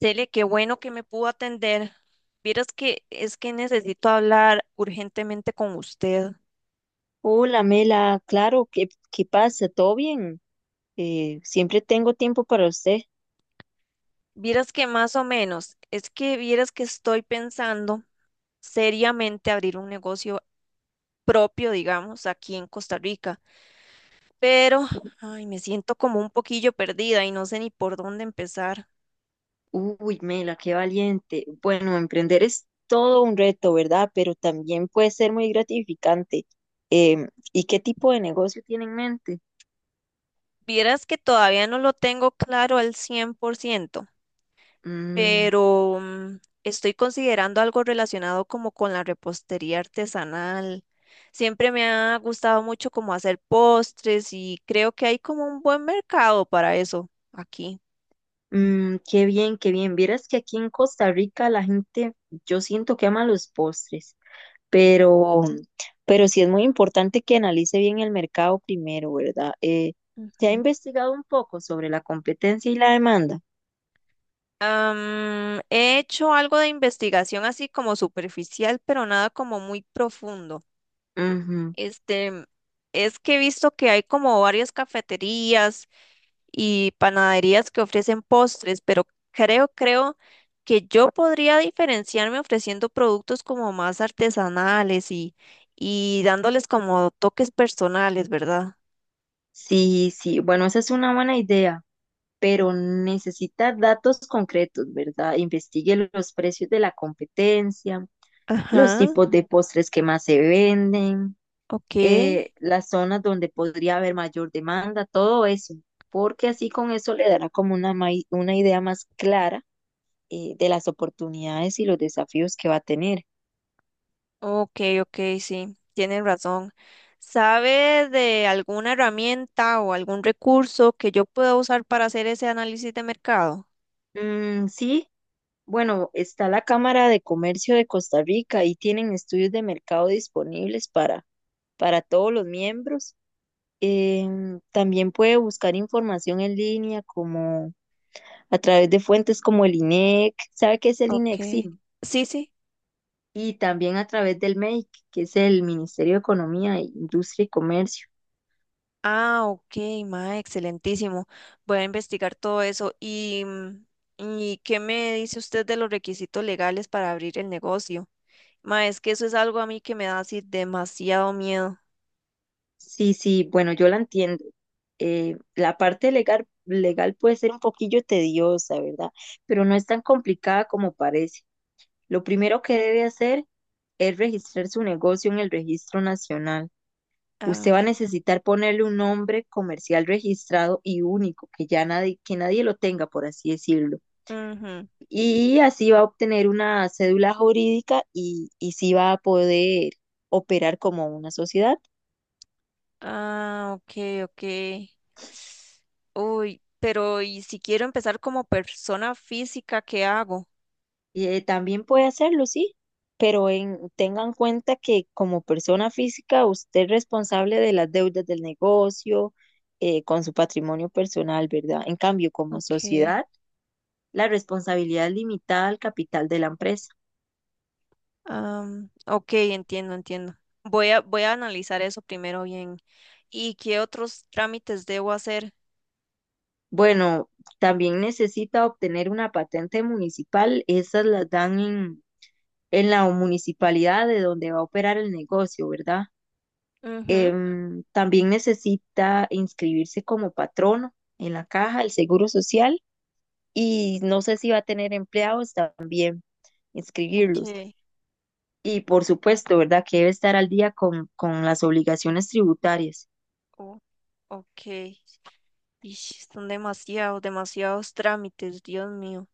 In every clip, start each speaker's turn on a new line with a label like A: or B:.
A: Cele, qué bueno que me pudo atender. Vieras que es que necesito hablar urgentemente con usted.
B: Hola, Mela, claro, ¿qué, qué pasa? ¿Todo bien? Siempre tengo tiempo para usted.
A: Vieras que más o menos, es que vieras que estoy pensando seriamente abrir un negocio propio, digamos, aquí en Costa Rica, pero ay, me siento como un poquillo perdida y no sé ni por dónde empezar.
B: Uy, Mela, qué valiente. Bueno, emprender es todo un reto, ¿verdad? Pero también puede ser muy gratificante. ¿Y qué tipo de negocio tiene en mente?
A: Vieras que todavía no lo tengo claro al 100%.
B: Mm,
A: Pero estoy considerando algo relacionado como con la repostería artesanal. Siempre me ha gustado mucho como hacer postres y creo que hay como un buen mercado para eso aquí.
B: qué bien, qué bien. Vieras que aquí en Costa Rica la gente, yo siento que ama los postres, pero, pero sí es muy importante que analice bien el mercado primero, ¿verdad? ¿Se ha
A: Ujú.
B: investigado un poco sobre la competencia y la demanda?
A: He hecho algo de investigación así como superficial, pero nada como muy profundo.
B: Ujú.
A: Este, es que he visto que hay como varias cafeterías y panaderías que ofrecen postres, pero creo que yo podría diferenciarme ofreciendo productos como más artesanales y dándoles como toques personales, ¿verdad?
B: Sí, sí, bueno, esa es una buena idea, pero necesita datos concretos, ¿verdad? Investigue los precios de la competencia, los
A: Ajá,
B: tipos de postres que más se venden,
A: ok,
B: las zonas donde podría haber mayor demanda, todo eso, porque así con eso le dará como una, una idea más clara de las oportunidades y los desafíos que va a tener.
A: ok, ok, sí, tienen razón. ¿Sabe de alguna herramienta o algún recurso que yo pueda usar para hacer ese análisis de mercado?
B: Mm, sí, bueno, está la Cámara de Comercio de Costa Rica y tienen estudios de mercado disponibles para todos los miembros. También puede buscar información en línea como a través de fuentes como el INEC. ¿Sabe qué es el INEC? Sí.
A: Ok, sí, sí.
B: Y también a través del MEIC, que es el Ministerio de Economía, Industria y Comercio.
A: Ah, ok, ma, excelentísimo. Voy a investigar todo eso. ¿Y qué me dice usted de los requisitos legales para abrir el negocio? Ma, es que eso es algo a mí que me da así demasiado miedo.
B: Sí, sí, bueno, yo la entiendo. La parte legal puede ser un poquillo tediosa, ¿verdad? Pero no es tan complicada como parece. Lo primero que debe hacer es registrar su negocio en el Registro Nacional.
A: Ah,
B: Usted va a
A: ok.
B: necesitar ponerle un nombre comercial registrado y único, que nadie lo tenga, por así decirlo.
A: Ujú.
B: Y así va a obtener una cédula jurídica y sí va a poder operar como una sociedad.
A: Ah, ok, ok. Uy, pero ¿y si quiero empezar como persona física, qué hago?
B: También puede hacerlo, sí, pero tenga en cuenta que como persona física usted es responsable de las deudas del negocio, con su patrimonio personal, ¿verdad? En cambio, como
A: Ok.
B: sociedad, la responsabilidad es limitada al capital de la empresa.
A: Ok, entiendo, entiendo. Voy a analizar eso primero bien. ¿Y qué otros trámites debo hacer?
B: Bueno, también necesita obtener una patente municipal, esas las dan en la municipalidad de donde va a operar el negocio, ¿verdad?
A: Ujú.
B: También necesita inscribirse como patrono en la caja del Seguro Social y no sé si va a tener empleados, también
A: Ok,
B: inscribirlos. Y por supuesto, ¿verdad? Que debe estar al día con las obligaciones tributarias.
A: oh, ok. Y son demasiados, demasiados trámites, Dios mío.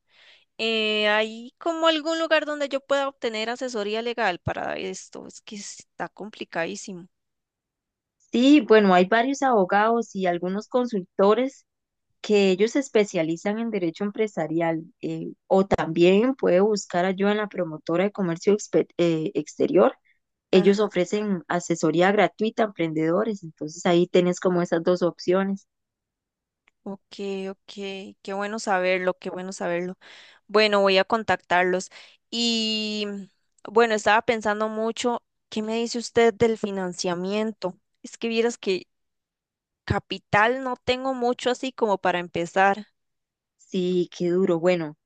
A: ¿Hay como algún lugar donde yo pueda obtener asesoría legal para esto? Es que está complicadísimo.
B: Sí, bueno, hay varios abogados y algunos consultores que ellos se especializan en derecho empresarial. También puede buscar ayuda en la Promotora de Comercio Exterior. Ellos
A: Ajá,
B: ofrecen asesoría gratuita a emprendedores, entonces ahí tenés como esas dos opciones.
A: ok, ok. Qué bueno saberlo, qué bueno saberlo. Bueno, voy a contactarlos. Y bueno, estaba pensando mucho. ¿Qué me dice usted del financiamiento? Es que vieras que capital no tengo mucho así como para empezar.
B: Sí, qué duro. Bueno,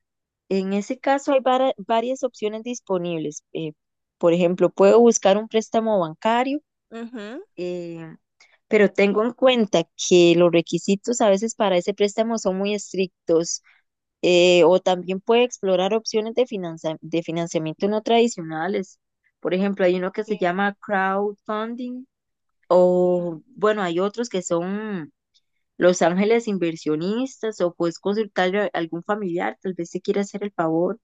B: en ese caso hay varias opciones disponibles. Por ejemplo, puedo buscar un préstamo bancario,
A: Ujú.
B: eh, pero tengo en cuenta que los requisitos a veces para ese préstamo son muy estrictos. O también puede explorar opciones de de financiamiento no tradicionales. Por ejemplo, hay uno que se
A: Eh,
B: llama crowdfunding. O bueno, hay otros que son los ángeles inversionistas, o puedes consultarle a algún familiar, tal vez se quiera hacer el favor.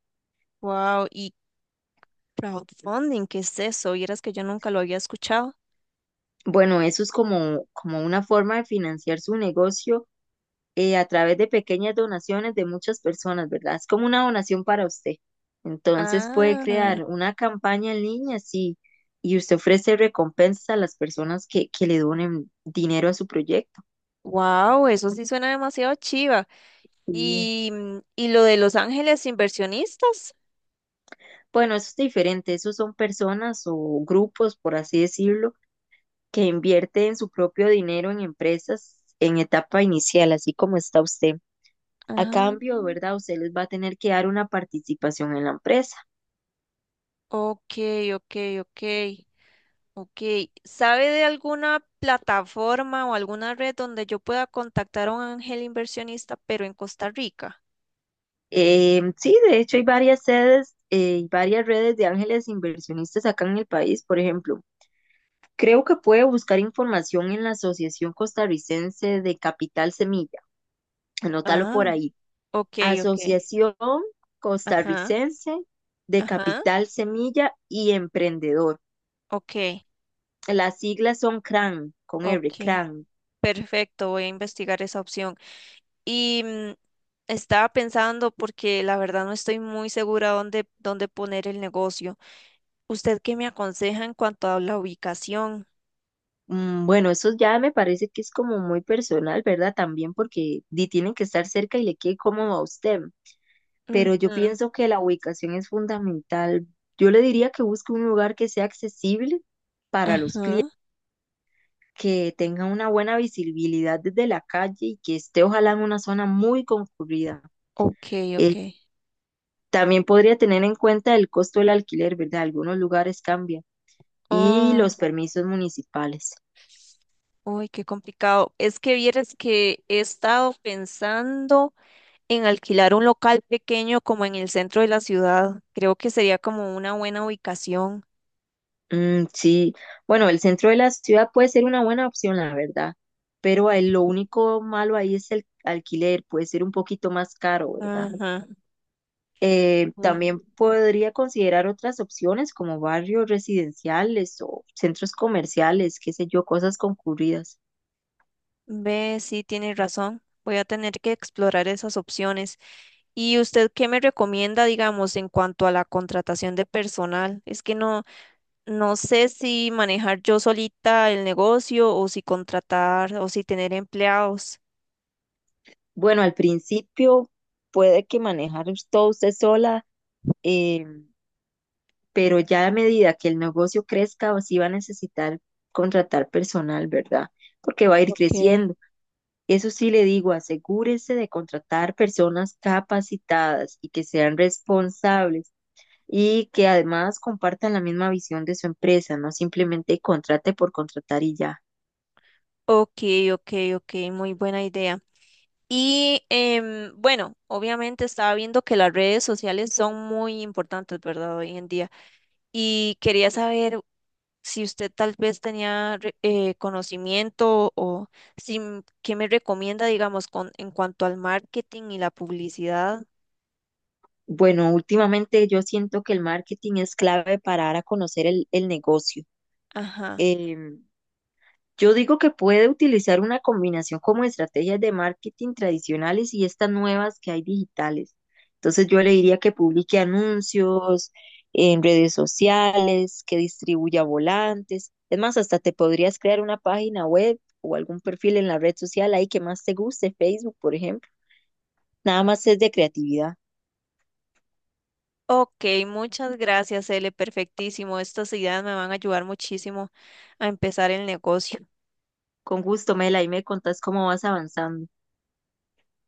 A: Wow, y crowdfunding, ¿qué es eso? Vieras que yo nunca lo había escuchado.
B: Bueno, eso es como una forma de financiar su negocio a través de pequeñas donaciones de muchas personas, ¿verdad? Es como una donación para usted. Entonces puede
A: Ah,
B: crear una campaña en línea, sí, y usted ofrece recompensas a las personas que le donen dinero a su proyecto.
A: wow, eso sí suena demasiado chiva. Y, y lo de Los Ángeles Inversionistas.
B: Bueno, eso es diferente. Esos son personas o grupos, por así decirlo, que invierten su propio dinero en empresas en etapa inicial, así como está usted. A
A: Ah,
B: cambio, ¿verdad? Usted les va a tener que dar una participación en la empresa.
A: ok, ok, ok, ok. ¿Sabe de alguna plataforma o alguna red donde yo pueda contactar a un ángel inversionista, pero en Costa Rica?
B: Sí, de hecho hay varias sedes y varias redes de ángeles inversionistas acá en el país, por ejemplo. Creo que puede buscar información en la Asociación Costarricense de Capital Semilla. Anótalo por
A: Ah,
B: ahí.
A: ok, ok.
B: Asociación
A: Ajá.
B: Costarricense de
A: Ajá,
B: Capital Semilla y Emprendedor.
A: ok,
B: Las siglas son CRAN, con R,
A: ok,
B: CRAN.
A: perfecto, voy a investigar esa opción. Y estaba pensando, porque la verdad no estoy muy segura dónde poner el negocio. ¿Usted qué me aconseja en cuanto a la ubicación?
B: Mm, bueno, eso ya me parece que es como muy personal, ¿verdad? También porque di, tienen que estar cerca y le quede cómodo a usted. Pero yo
A: Ujú,
B: pienso que la ubicación es fundamental. Yo le diría que busque un lugar que sea accesible para los clientes,
A: ajá,
B: que tenga una buena visibilidad desde la calle y que esté ojalá en una zona muy concurrida.
A: ok, ok.
B: También podría tener en cuenta el costo del alquiler, ¿verdad? Algunos lugares cambian. Y
A: Ah,
B: los permisos municipales.
A: uy, qué complicado. Es que vieras que he estado pensando en alquilar un local pequeño como en el centro de la ciudad. Creo que sería como una buena ubicación.
B: Mm, sí, bueno, el centro de la ciudad puede ser una buena opción, la verdad. Pero ahí lo único malo ahí es el alquiler, puede ser un poquito más caro, ¿verdad?
A: Ajá.
B: También podría considerar otras opciones como barrios residenciales o centros comerciales, qué sé yo, cosas concurridas.
A: Ve, sí, tiene razón. Voy a tener que explorar esas opciones. ¿Y usted qué me recomienda, digamos, en cuanto a la contratación de personal? Es que no, no sé si manejar yo solita el negocio o si contratar o si tener empleados.
B: Bueno, al principio puede que manejar todo usted sola, eh, pero ya a medida que el negocio crezca, sí va a necesitar contratar personal, ¿verdad? Porque va a ir
A: Ok.
B: creciendo. Eso sí le digo, asegúrese de contratar personas capacitadas y que sean responsables y que además compartan la misma visión de su empresa, no simplemente contrate por contratar y ya.
A: Ok, ok, ok, muy buena idea. Y bueno, obviamente estaba viendo que las redes sociales son muy importantes, ¿verdad? Hoy en día. Y quería saber si usted tal vez tenía conocimiento o si, m- qué me recomienda, digamos, en cuanto al marketing y la publicidad.
B: Bueno, últimamente yo siento que el marketing es clave para dar a conocer el negocio.
A: Ajá.
B: Em, Yo digo que puede utilizar una combinación como estrategias de marketing tradicionales y estas nuevas que hay digitales. Entonces yo le diría que publique anuncios en redes sociales, que distribuya volantes. Es más, hasta te podrías crear una página web o algún perfil en la red social ahí que más te guste, Facebook, por ejemplo. Nada más es de creatividad.
A: Ok, muchas gracias, ele perfectísimo. Estas ideas me van a ayudar muchísimo a empezar el negocio.
B: Con gusto, Mela, y me contás cómo vas avanzando.